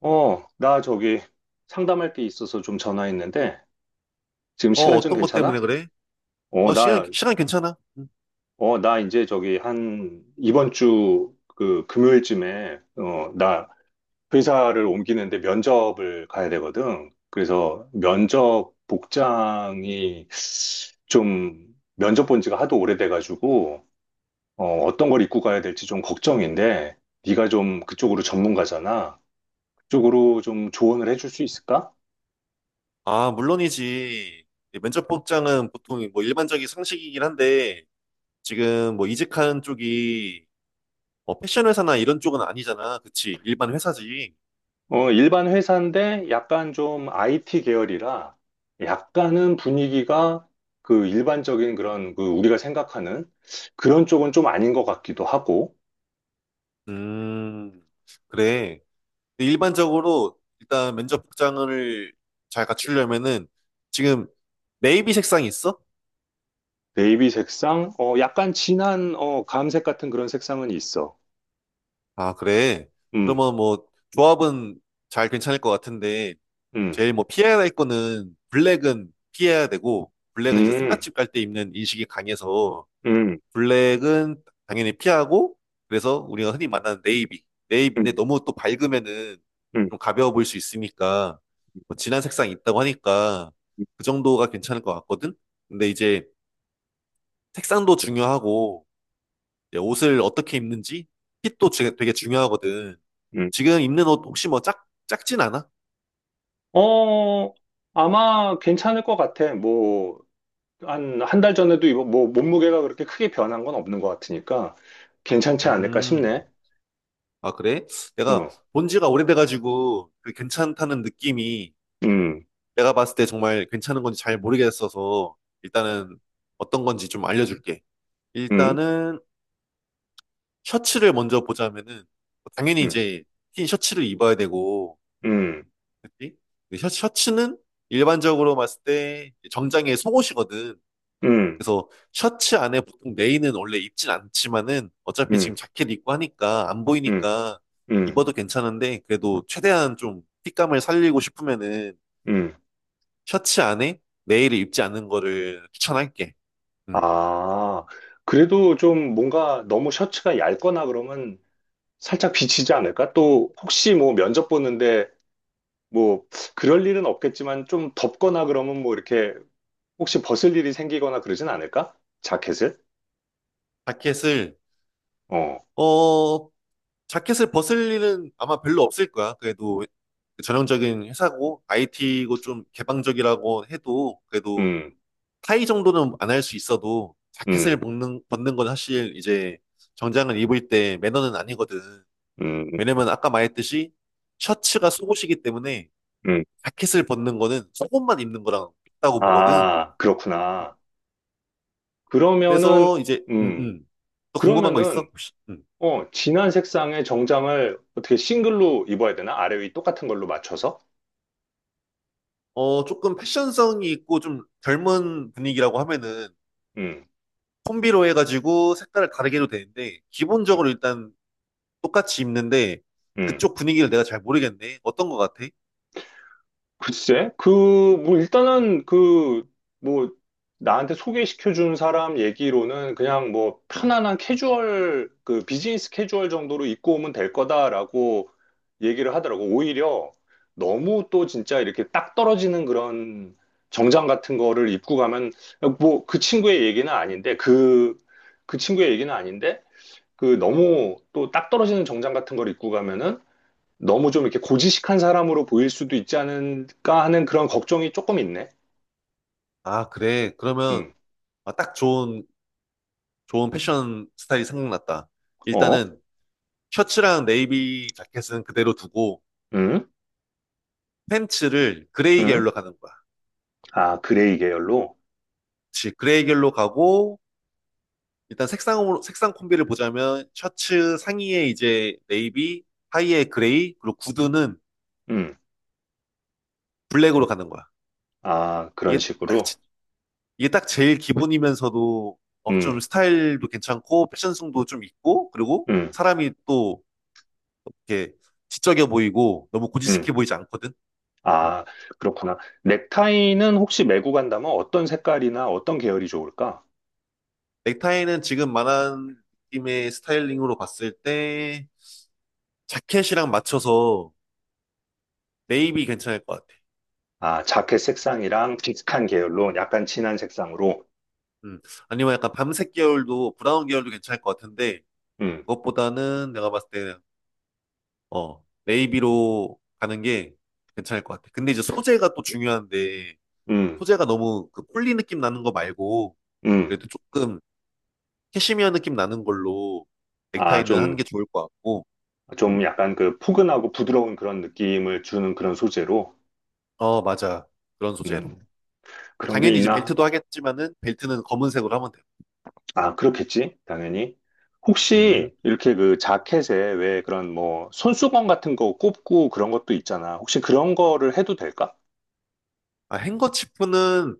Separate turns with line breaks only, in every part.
나 저기 상담할 게 있어서 좀 전화했는데, 지금 시간 좀
어떤 것 때문에
괜찮아?
그래?
어,
어, 시간,
나,
시간 괜찮아. 응.
나 이제 저기 한 이번 주 그 금요일쯤에, 나 회사를 옮기는데 면접을 가야 되거든. 그래서 면접 복장이 좀 면접 본 지가 하도 오래돼가지고, 어떤 걸 입고 가야 될지 좀 걱정인데, 네가 좀 그쪽으로 전문가잖아. 그쪽으로 좀 조언을 해줄 수 있을까?
아, 물론이지. 이 면접 복장은 보통 뭐 일반적인 상식이긴 한데, 지금 뭐 이직한 쪽이 뭐 패션 회사나 이런 쪽은 아니잖아. 그치? 일반 회사지.
일반 회사인데 약간 좀 IT 계열이라 약간은 분위기가 그 일반적인 그런 그 우리가 생각하는 그런 쪽은 좀 아닌 것 같기도 하고.
음, 그래. 근데 일반적으로 일단 면접 복장을 잘 갖추려면은 지금 네이비 색상이 있어?
네이비 색상, 약간 진한 감색 같은 그런 색상은 있어.
아, 그래.
음.
그러면 뭐 조합은 잘 괜찮을 것 같은데,
음.
제일 뭐 피해야 될 거는 블랙은 피해야 되고, 블랙은 이제 상가
음.
집 갈 때 입는 인식이 강해서,
음.
블랙은 당연히 피하고, 그래서 우리가 흔히 만나는 네이비,
음.
네이비인데 너무 또 밝으면은
음.
좀 가벼워 보일 수 있으니까, 뭐 진한 색상이 있다고 하니까 그 정도가 괜찮을 것 같거든. 근데 이제 색상도 중요하고 이제 옷을 어떻게 입는지 핏도 되게 중요하거든.
음.
지금 입는 옷 혹시 뭐 작진 않아?
어, 아마 괜찮을 것 같아. 뭐, 한, 한 달 전에도 입어, 뭐, 몸무게가 그렇게 크게 변한 건 없는 것 같으니까 괜찮지 않을까
음.
싶네.
아, 그래? 내가
어.
본 지가 오래돼가지고 그 괜찮다는 느낌이
음.
내가 봤을 때 정말 괜찮은 건지 잘 모르겠어서, 일단은 어떤 건지 좀 알려줄게.
음.
일단은 셔츠를 먼저 보자면은 당연히
음.
이제 흰 셔츠를 입어야 되고,
음.
그치? 근데 셔츠는 일반적으로 봤을 때 정장에 속옷이거든.
음.
그래서 셔츠 안에 보통 레인은 원래 입진 않지만은, 어차피 지금
음.
자켓 입고 하니까 안
음.
보이니까
음.
입어도 괜찮은데, 그래도 최대한 좀 핏감을 살리고 싶으면은
음.
셔츠 안에 레이를 입지 않는 거를 추천할게. 음.
아, 그래도 좀 뭔가 너무 셔츠가 얇거나 그러면 살짝 비치지 않을까? 또 혹시 뭐 면접 보는데 뭐 그럴 일은 없겠지만 좀 덥거나 그러면 뭐 이렇게 혹시 벗을 일이 생기거나 그러진 않을까? 자켓을?
자켓을,
어.
어 자켓을 벗을 일은 아마 별로 없을 거야. 그래도 전형적인 회사고 IT고 좀 개방적이라고 해도, 그래도
음.
타이 정도는 안 할 수 있어도 자켓을
음.
벗는 건 사실 이제 정장을 입을 때 매너는 아니거든.
음.
왜냐면 아까 말했듯이 셔츠가 속옷이기 때문에
음.
자켓을 벗는 거는 속옷만 입는 거랑 같다고 보거든.
아, 그렇구나. 그러면은,
그래서 이제
음,
음. 또 궁금한 거 있어?
그러면은
혹시? 음.
진한 색상의 정장을 어떻게 싱글로 입어야 되나? 아래 위 똑같은 걸로 맞춰서?
어, 조금 패션성이 있고 좀 젊은 분위기라고 하면은
음.
콤비로 해가지고 색깔을 다르게 해도 되는데,
음.
기본적으로 일단 똑같이 입는데,
음.
그쪽 분위기를 내가 잘 모르겠네. 어떤 거 같아?
글쎄, 그, 뭐, 일단은 그, 뭐, 나한테 소개시켜준 사람 얘기로는 그냥 뭐, 편안한 캐주얼, 그, 비즈니스 캐주얼 정도로 입고 오면 될 거다라고 얘기를 하더라고. 오히려 너무 또 진짜 이렇게 딱 떨어지는 그런 정장 같은 거를 입고 가면, 뭐, 그 친구의 얘기는 아닌데, 그, 그 친구의 얘기는 아닌데, 그 너무 또 딱 떨어지는 정장 같은 걸 입고 가면은 너무 좀 이렇게 고지식한 사람으로 보일 수도 있지 않을까 하는 그런 걱정이 조금 있네.
아, 그래. 그러면
음.
아, 딱 좋은, 좋은 패션 스타일이 생각났다.
어.
일단은 셔츠랑 네이비 자켓은 그대로 두고
음.
팬츠를 그레이
음.
계열로 가는 거야.
아, 그레이 계열로,
그치. 그레이 계열로 가고, 일단 색상으로 색상 콤비를 보자면 셔츠 상의에 이제 네이비, 하의에 그레이, 그리고 구두는
음,
블랙으로 가는 거야.
아, 그런
이게 딱
식으로,
이게 딱 제일 기본이면서도 어, 좀
음.
스타일도 괜찮고 패션성도 좀 있고, 그리고
음.
사람이 또 이렇게 지적해 보이고 너무
음.
고지식해 보이지 않거든. 음.
아, 그렇구나. 넥타이는 혹시 메고 간다면 어떤 색깔이나 어떤 계열이 좋을까?
넥타이는 지금 말한 느낌의 스타일링으로 봤을 때 자켓이랑 맞춰서 네이비 괜찮을 것 같아.
아, 자켓 색상이랑 비슷한 계열로
음.
약간 진한 색상으로,
음. 아니면 약간 밤색 계열도 브라운 계열도 괜찮을 것 같은데,
음.
그것보다는 내가 봤을 때 어, 네이비로 가는 게 괜찮을 것 같아. 근데 이제 소재가 또 중요한데,
음.
소재가 너무 그 폴리 느낌 나는 거 말고
음.
그래도 조금 캐시미어 느낌 나는 걸로
아,
넥타이는 하는 게
좀
좋을 것 같고.
좀
음.
약간 그 포근하고 부드러운 그런 느낌을 주는 그런 소재로,
어, 맞아. 그런 소재로.
음,
뭐
그런 게
당연히 이제
있나?
벨트도 하겠지만은 벨트는 검은색으로 하면 돼요.
아, 그렇겠지, 당연히.
음.
혹시 이렇게 그 자켓에 왜 그런 뭐 손수건 같은 거 꼽고 그런 것도 있잖아. 혹시 그런 거를 해도 될까?
아, 행거치프는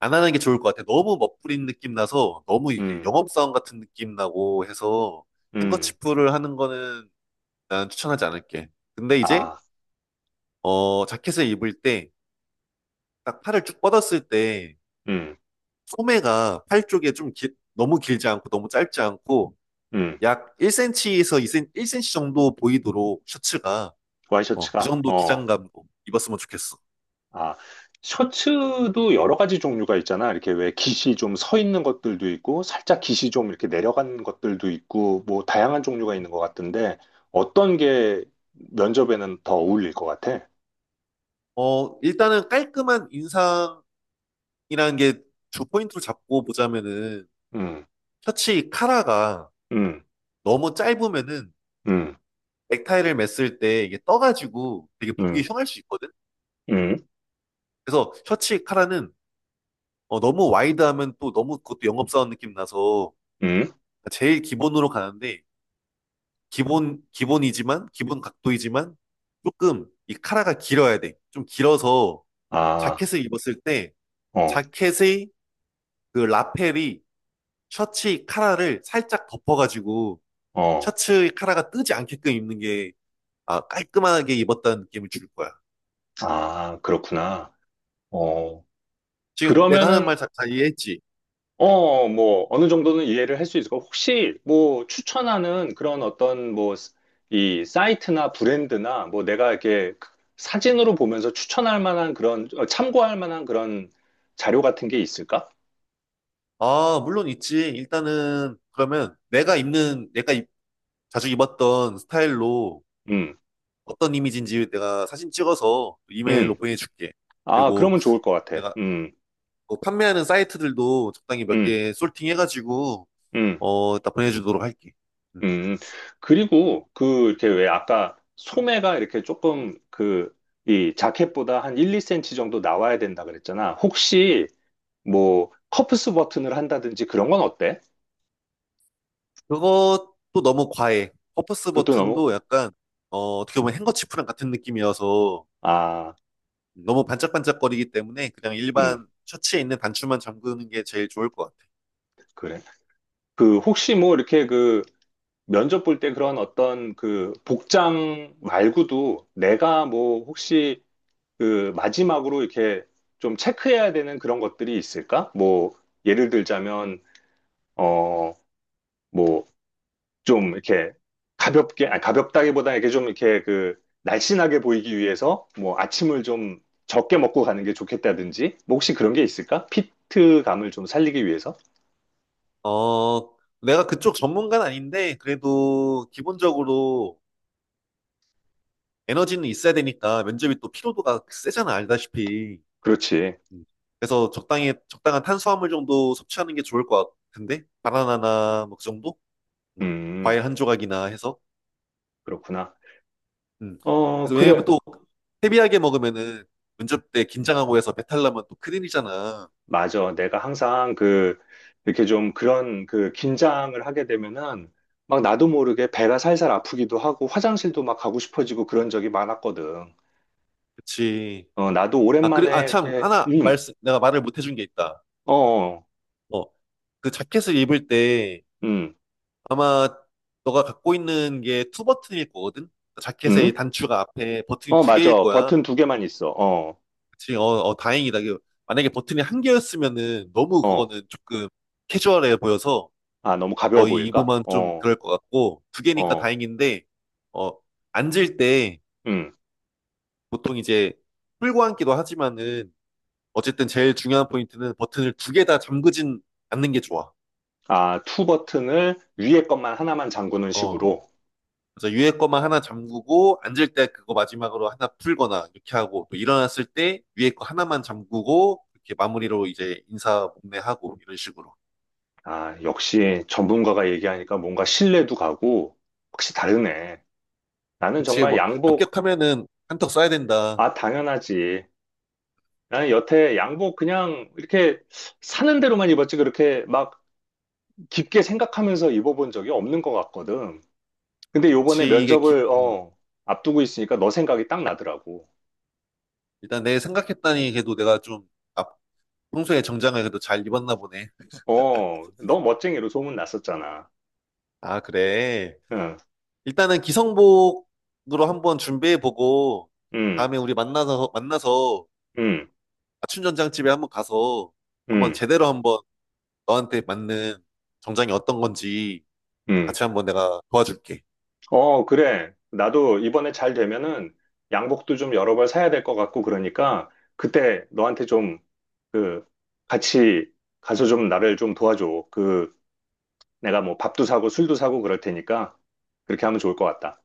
안 하는 게 좋을 것 같아. 너무 멋부린 느낌 나서 너무 이게
음.
영업사원 같은 느낌 나고 해서
음.
행거치프를 하는 거는 난 추천하지 않을게. 근데 이제
아.
자켓을 입을 때 딱 팔을 쭉 뻗었을 때
음.
소매가 팔 쪽에 좀 너무 길지 않고 너무 짧지 않고
음.
약 1cm에서 2cm, 1cm 정도 보이도록, 셔츠가 어, 그
와이셔츠가,
정도
어.
기장감 입었으면 좋겠어.
아, 셔츠도 여러 가지 종류가 있잖아. 이렇게 왜 깃이 좀 서 있는 것들도 있고, 살짝 깃이 좀 이렇게 내려간 것들도 있고, 뭐 다양한 종류가
음.
있는 것 같은데, 어떤 게 면접에는 더 어울릴 것 같아?
어, 일단은 깔끔한 인상이라는 게 주 포인트로 잡고 보자면은
음.
셔츠 카라가
음.
너무 짧으면은
음.
넥타이를 맸을 때 이게 떠가지고 되게 보기
음.
흉할 수 있거든.
음.
그래서 셔츠 카라는 어, 너무 와이드하면 또 너무 그것도 영업사원 느낌 나서
음.
제일 기본으로 가는데, 기본 기본 각도이지만 조금 이 카라가 길어야 돼. 좀 길어서
아.
자켓을 입었을 때
어.
자켓의 그 라펠이 셔츠 카라를 살짝 덮어가지고
어.
셔츠 카라가 뜨지 않게끔 입는 게 아, 깔끔하게 입었다는 느낌을 줄 거야.
아, 그렇구나. 어,
지금 내가 하는
그러면은
말 잘 이해했지?
뭐, 어느 정도는 이해를 할 수 있을 거. 혹시, 뭐, 추천하는 그런 어떤, 뭐, 이 사이트나 브랜드나, 뭐, 내가 이렇게 사진으로 보면서 추천할 만한 그런, 참고할 만한 그런 자료 같은 게 있을까?
아, 물론 있지. 일단은 그러면 내가 입는 내가 입- 자주 입었던 스타일로
음.
어떤 이미지인지 내가 사진 찍어서 이메일로
음.
보내줄게.
아,
그리고
그러면 좋을 것 같아.
내가
음.
뭐 판매하는 사이트들도 적당히 몇
음.
개 솔팅해가지고
음.
어, 다 보내주도록 할게. 음.
음. 그리고, 그, 이렇게 왜 아까 소매가 이렇게 조금 그, 이 자켓보다 한 1, 2센치 정도 나와야 된다 그랬잖아. 혹시, 뭐, 커프스 버튼을 한다든지 그런 건 어때?
그것도 너무 과해. 퍼포스
그것도 너무,
버튼도 약간, 어, 어떻게 보면 행거치프랑 같은 느낌이어서
아,
너무 반짝반짝거리기 때문에 그냥
음,
일반 셔츠에 있는 단추만 잠그는 게 제일 좋을 것 같아.
그래. 그, 혹시 뭐, 이렇게 그, 면접 볼 때 그런 어떤 그, 복장 말고도 내가 뭐, 혹시 그, 마지막으로 이렇게 좀 체크해야 되는 그런 것들이 있을까? 뭐, 예를 들자면, 어, 뭐, 좀 이렇게 가볍게, 아니 가볍다기보다 이렇게 좀 이렇게 그 날씬하게 보이기 위해서 뭐 아침을 좀 적게 먹고 가는 게 좋겠다든지, 뭐 혹시 그런 게 있을까? 피트감을 좀 살리기 위해서?
어, 내가 그쪽 전문가는 아닌데, 그래도 기본적으로 에너지는 있어야 되니까, 면접이 또 피로도가 세잖아, 알다시피.
그렇지.
음, 그래서 적당한 탄수화물 정도 섭취하는 게 좋을 것 같은데? 바나나나 뭐 그 정도? 음,
음.
과일 한 조각이나 해서.
그렇구나.
음.
어,
그래서 왜냐면
그래.
또 헤비하게 먹으면은 면접때 긴장하고 해서 배탈 나면 또 큰일이잖아.
맞아. 내가 항상 그, 이렇게 좀 그런 그 긴장을 하게 되면은 막 나도 모르게 배가 살살 아프기도 하고 화장실도 막 가고 싶어지고 그런 적이 많았거든.
그치.
어, 나도
아, 그리고, 아,
오랜만에
참,
이렇게, 음.
내가 말을 못 해준 게 있다.
어. 어.
어, 그 자켓을 입을 때
음.
아마 너가 갖고 있는 게 투 버튼일 거거든? 그 자켓의
음.
단추가 앞에 버튼이
어,
두 개일
맞아.
거야.
버튼 두 개만 있어. 어.
그치. 어, 어, 다행이다. 이거 만약에 버튼이 한 개였으면은 너무
어.
그거는 조금 캐주얼해 보여서
아, 너무 가벼워
거의
보일까?
입으면 좀
어.
그럴 것 같고, 두 개니까
어.
다행인데, 어, 앉을 때
음.
보통 이제 풀고 앉기도 하지만은 어쨌든 제일 중요한 포인트는 버튼을 두 개 다 잠그진 않는 게 좋아.
아, 투 버튼을 위에 것만 하나만 잠그는
어.
식으로.
그래서 위에 거만 하나 잠그고 앉을 때 그거 마지막으로 하나 풀거나 이렇게 하고, 또 일어났을 때 위에 거 하나만 잠그고 이렇게 마무리로 이제 인사 목례하고 이런 식으로.
아, 역시 전문가가 얘기하니까 뭔가 신뢰도 가고, 확실히 다르네. 나는
그치,
정말
뭐
양복,
합격하면은 한턱 쏴야 된다.
아, 당연하지. 나는 여태 양복 그냥 이렇게 사는 대로만 입었지, 그렇게 막 깊게 생각하면서 입어본 적이 없는 것 같거든. 근데 요번에
그치
면접을, 앞두고 있으니까 너 생각이 딱 나더라고.
일단 내 생각했다니 그래도 내가 좀 아, 평소에 정장을 그래도 잘 입었나 보네.
어, 너 멋쟁이로 소문 났었잖아.
아 그래.
응.
일단은 기성복으로 한번 준비해보고,
응.
다음에 우리 만나서
응.
아춘전장집에 한번 가서,
응.
한번 너한테 맞는 정장이 어떤 건지
응.
같이 한번 내가 도와줄게.
어, 그래. 나도 이번에 잘 되면은 양복도 좀 여러 벌 사야 될 것 같고 그러니까 그때 너한테 좀 그 같이 가서 좀 나를 좀 도와줘. 그 내가 뭐 밥도 사고 술도 사고 그럴 테니까 그렇게 하면 좋을 것 같다.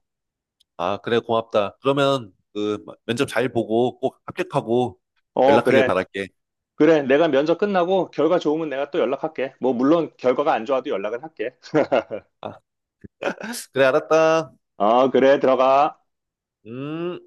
아, 그래, 고맙다. 그러면 그 면접 잘 보고 꼭 합격하고
어,
연락하길
그래.
바랄게.
그래. 내가 면접 끝나고 결과 좋으면 내가 또 연락할게. 뭐 물론 결과가 안 좋아도 연락은 할게.
아, 그래, 알았다.
어, 그래. 들어가.
음.